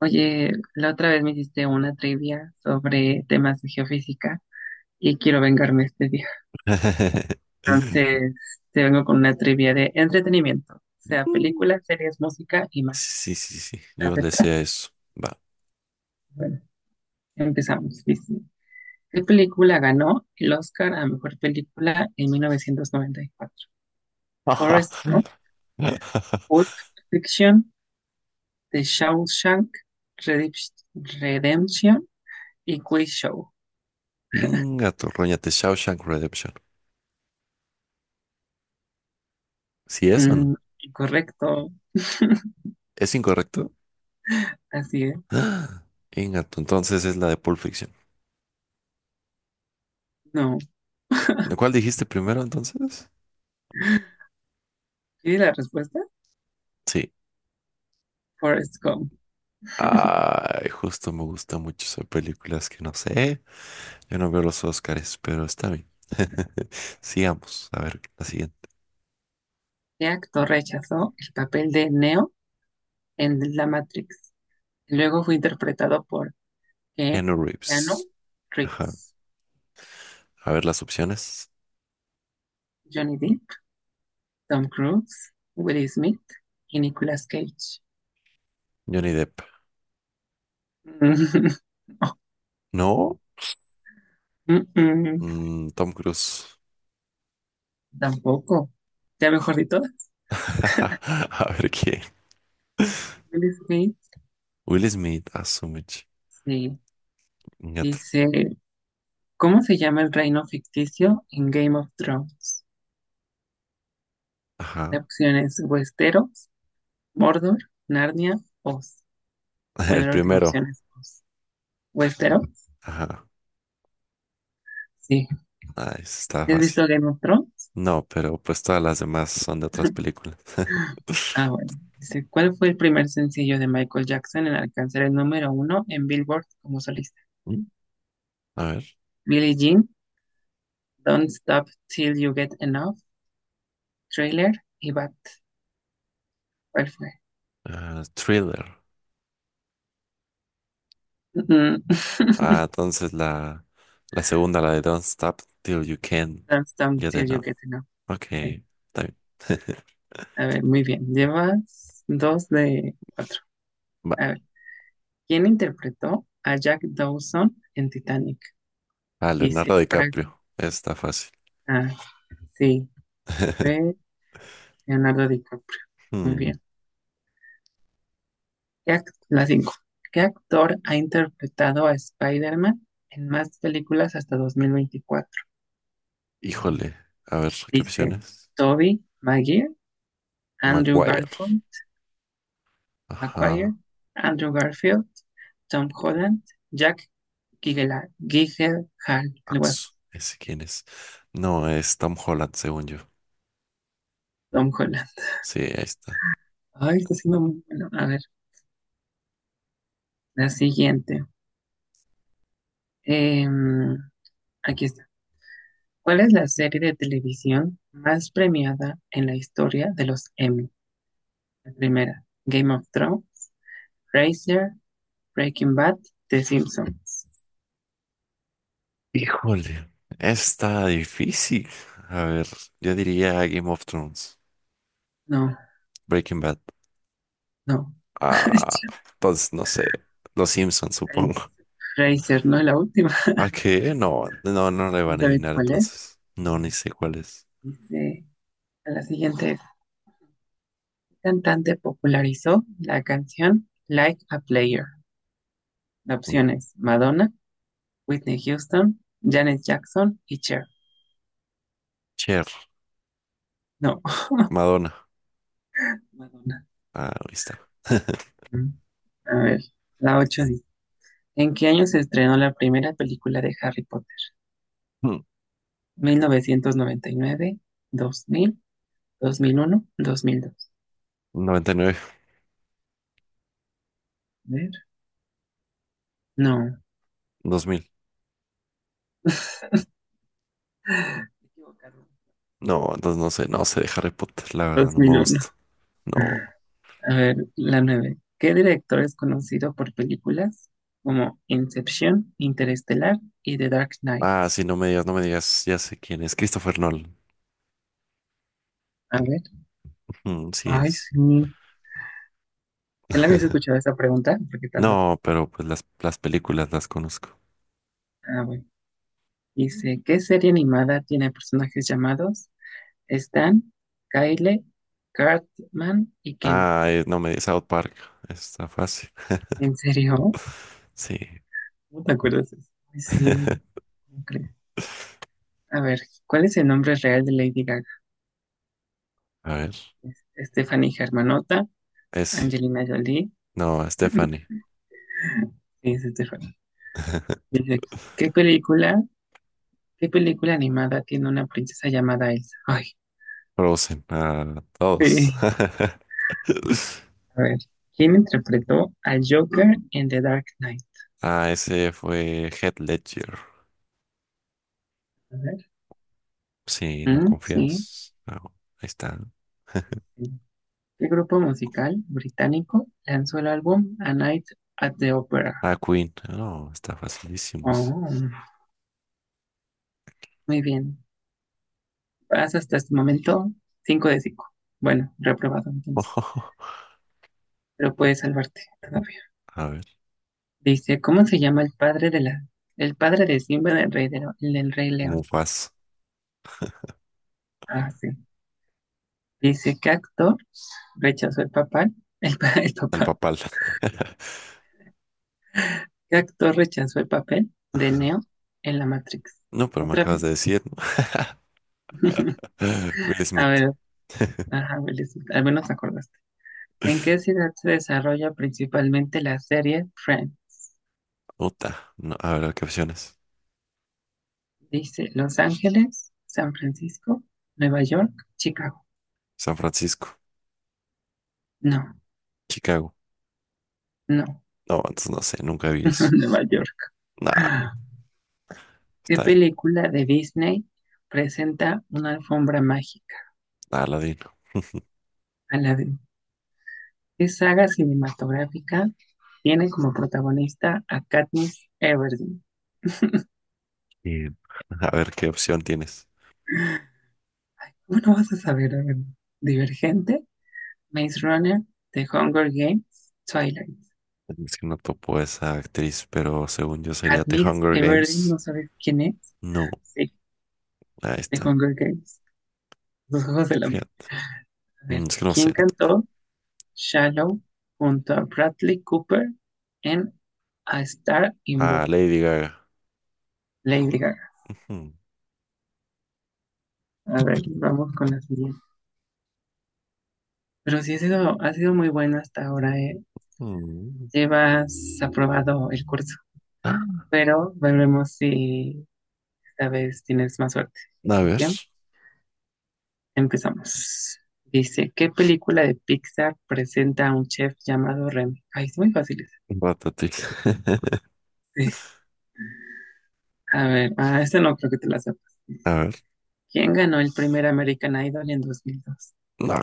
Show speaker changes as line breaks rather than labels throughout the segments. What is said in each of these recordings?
Oye, la otra vez me hiciste una trivia sobre temas de geofísica y quiero vengarme este día. Entonces, te vengo con una trivia de entretenimiento, o sea, películas, series, música y más.
Sí, sí, sí, yo le sé
¿Aceptas?
a eso. Va.
Bueno, empezamos. Dice, ¿qué película ganó el Oscar a mejor película en 1994?
Ajá.
Forrest Gump, Pulp Fiction, The Shawshank Redemp- Redemption y Quiz Show.
Inga tu roñate, Shawshank Redemption. ¿Sí es o no?
Mm, correcto,
¿Es incorrecto?
así es.
Ah, Inga tu, entonces es la de Pulp Fiction.
No.
¿De ¿Cuál dijiste primero entonces?
¿Quieres la respuesta?
Sí.
Forrest Gump.
Ay, justo me gusta mucho esas películas que no sé. Yo no veo los Oscars, pero está bien. Sigamos. A ver, la siguiente.
¿Qué actor rechazó el papel de Neo en La Matrix? Luego fue interpretado por Ke-
Keanu
Keanu
Reeves. Ajá.
Reeves,
A ver las opciones.
Johnny Depp, Tom Cruise, Will Smith y Nicolas Cage.
Johnny Depp.
Mm,
No.
mm, mm,
Mm, Tom Cruise.
tampoco. Ya mejor de todas.
A ver qué.
Will Smith,
Will Smith, Asumich.
sí.
Ñato.
Dice, ¿cómo se llama el reino ficticio en Game of Thrones? La
Ajá.
opción es Westeros, Mordor, Narnia, Oz. Bueno,
El
la última opción
primero.
es Oz. Westeros.
Ajá.
Sí.
Ah, ese está
¿Has
fácil.
visto Game of Thrones?
No, pero pues todas las demás son de otras películas.
Ah, bueno. Dice, ¿cuál fue el primer sencillo de Michael Jackson en alcanzar el número uno en Billboard como solista?
Mm. A ver.
Billie Jean, Don't Stop Till You Get Enough, Trailer y Bad. ¿Cuál fue?
Ah, thriller.
Mm,
Ah, entonces la segunda, la de Don't Stop Till You Can
Don't Stop
Get
Till You
Enough.
Get Enough.
Ok,
Sí.
está bien.
A ver, muy bien. Llevas dos de cuatro.
Va.
A ver, ¿quién interpretó a Jack Dawson en Titanic?
Ah, Leonardo
Dice,
DiCaprio. Está fácil.
ah, sí, fue Leonardo DiCaprio. Muy
Hmm,
bien. La 5. ¿Qué actor ha interpretado a Spider-Man en más películas hasta 2024?
Híjole. A ver, ¿qué
Dice
opciones?
Tobey Maguire, Andrew
Maguire.
Garfield, Maguire,
Ajá.
Andrew Garfield, Tom Holland, Jack Gyllenhaal, algo así.
Asu, ¿ese quién es? No, es Tom Holland, según yo.
Tom Holland.
Sí, ahí está.
Ay, está siendo muy bueno. A ver, la siguiente. Em, aquí está. ¿Cuál es la serie de televisión más premiada en la historia de los Emmy? La primera, Game of Thrones, Frasier, Breaking Bad, The Simpsons.
Híjole. Está difícil. A ver, yo diría Game of Thrones,
No,
Breaking Bad.
no.
Ah, pues no sé. Los Simpsons, supongo.
Frasier, no es la última.
¿A qué? No, no, no le
¿Quién
van a
sabe
adivinar
cuál es?
entonces. No, ni sé cuál es.
Dice, a la siguiente es, ¿qué cantante popularizó la canción Like a Player? La opción es Madonna, Whitney Houston, Janet Jackson y Cher.
Cher,
No,
Madonna.
Madonna.
Ah, ahí está.
Mm. A ver, la 8. Dice, ¿en qué año se estrenó la primera película de Harry Potter?
Hmm,
1999, 2000, 2001, 2002.
noventa y nueve,
A ver, no, me
2000.
he equivocado.
No, entonces no sé, no sé de Harry Potter, la verdad, no me
2001.
gusta. No.
A ver, la nueve. ¿Qué director es conocido por películas como Inception, Interestelar y The Dark Knight?
Ah, sí, no me digas, no me digas, ya sé quién es, Christopher Nolan.
A ver,
Mm, sí
ay,
es.
sí. ¿Ya la habías escuchado esa pregunta? Porque tan
No,
rápido.
pero pues las películas las conozco.
Ah, bueno. Dice, ¿qué serie animada tiene personajes llamados Stan, Kyle, Cartman y Ken?
Ah, no me digas, South Park, está fácil.
¿En serio?
Sí.
¿Cómo te acuerdas de eso? Ay, sí, no creo. A ver, ¿cuál es el nombre real de Lady Gaga?
A ver,
¿Es Stephanie Germanotta,
ese.
Angelina Jolie,
No, Stephanie.
sí, es Stephanie. Dice, ¿qué película, ¿qué película animada tiene una princesa llamada Elsa? Ay,
Frozen, ah,
sí.
todos.
A ver, ¿quién interpretó al Joker en The Dark Knight?
Ah, ese fue Heath Ledger.
A ver,
Sí, no
mm, sí.
confías. No, ahí está.
¿Qué grupo musical británico lanzó el álbum A Night at the Opera?
Ah, Queen. No, está facilísimo ese.
Oh, muy bien. Vas hasta este momento 5 de cinco. Bueno, reprobado entonces, pero puedes salvarte todavía.
A ver.
Dice, ¿cómo se llama el padre de el padre de Simba del Rey, del Rey León?
Mufas,
Ah, sí. Dice, ¿qué actor rechazó el papel? El, el
al
papá.
papal.
¿Qué actor rechazó el papel de
Ajá.
Neo en la Matrix?
No, pero me
Otra
acabas de
vez.
decir, ¿no? Will
A
Smith.
ver, ajá, al menos acordaste. ¿En qué ciudad se desarrolla principalmente la serie Friends?
Utah. No, a ver, ¿qué opciones?
Dice, Los Ángeles, San Francisco, Nueva York, Chicago.
San Francisco.
No,
Chicago.
no,
No, entonces no sé, nunca vi eso.
Nueva York.
Nada,
¿Qué
está bien.
película de Disney presenta una alfombra mágica?
Aladino.
Aladdin. ¿Qué saga cinematográfica tiene como protagonista a Katniss Everdeen?
Bien. A ver, ¿qué opción tienes?
Bueno, vas a saber, a ver, Divergente, Maze Runner, The Hunger Games, Twilight.
Es que no topo esa actriz, pero según yo sería The
Katniss
Hunger
Everdeen,
Games.
¿no sabes quién es?
No,
Sí,
ahí
The
está.
Hunger Games, Los Juegos del Hambre.
Fíjate.
A ver,
Mm, es que no
¿quién
sé, no topo.
cantó Shallow junto a Bradley Cooper en A Star
Ah,
Inborn,
Lady Gaga.
Lady Gaga.
Ujú.
A ver, vamos con la siguiente. Pero sí ha sido muy bueno hasta ahora.
Mm.
Llevas aprobado el curso,
Ah,
pero veremos si esta vez tienes más suerte.
a
Así que
ver.
empezamos. Dice, ¿qué película de Pixar presenta a un chef llamado Remy? Ay, es muy fácil esa.
Ratatouille.
Sí. A ver, ah, esta no creo que te la sepa.
A ver.
¿Quién ganó el primer American Idol en 2002?
No,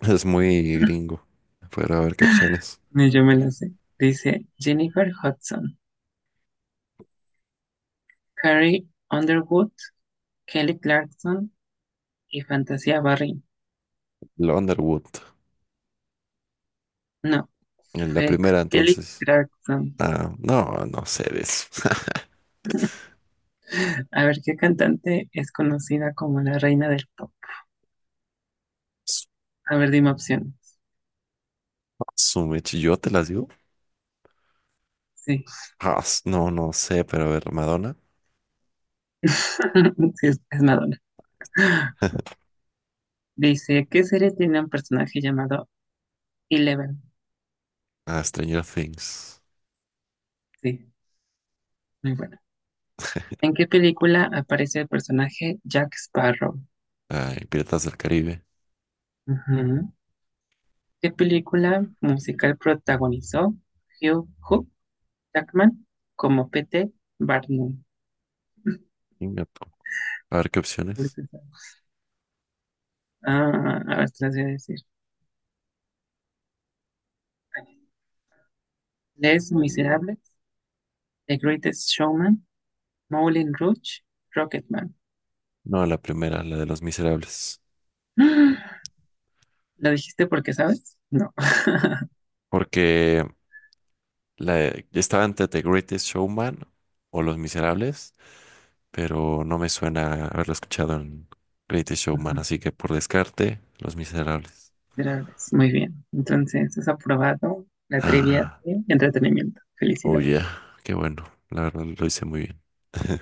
es muy gringo. Pero a ver qué opciones.
Ni yo me la sé. Dice Jennifer Hudson, Carrie Underwood, Kelly Clarkson y Fantasia Barry.
Lo Underwood.
No,
En la
fue
primera,
Kelly
entonces.
Clarkson.
Ah, no, no sé de eso.
A ver, ¿qué cantante es conocida como la reina del pop? A ver, dime opciones.
Su mechi, ¿yo te las digo?
Sí,
No, no sé, pero a ver, Madonna.
sí es Madonna. Dice, ¿qué serie tiene un personaje llamado Eleven?
Ah, Stranger Things.
Sí, muy bueno. ¿En qué película aparece el personaje Jack Sparrow?
Ay, Piratas del Caribe.
Ujú. ¿Qué película musical protagonizó Hugh Hook? Jackman como P.T. Barnum.
Ingato. A ver qué opciones.
Ah, a ver, te las voy a decir. Les Miserables, The Greatest Showman, Moulin Rouge, Rocketman.
No, la primera, la de Los Miserables.
¿Lo dijiste porque sabes? No.
Porque la, estaba entre The Greatest Showman o Los Miserables, pero no me suena haberlo escuchado en Greatest Showman, así que por descarte, Los Miserables.
Miserables. Muy bien. Entonces, has aprobado la trivia
Ah,
de entretenimiento.
oh
Felicidades.
yeah, qué bueno, la verdad lo hice muy bien.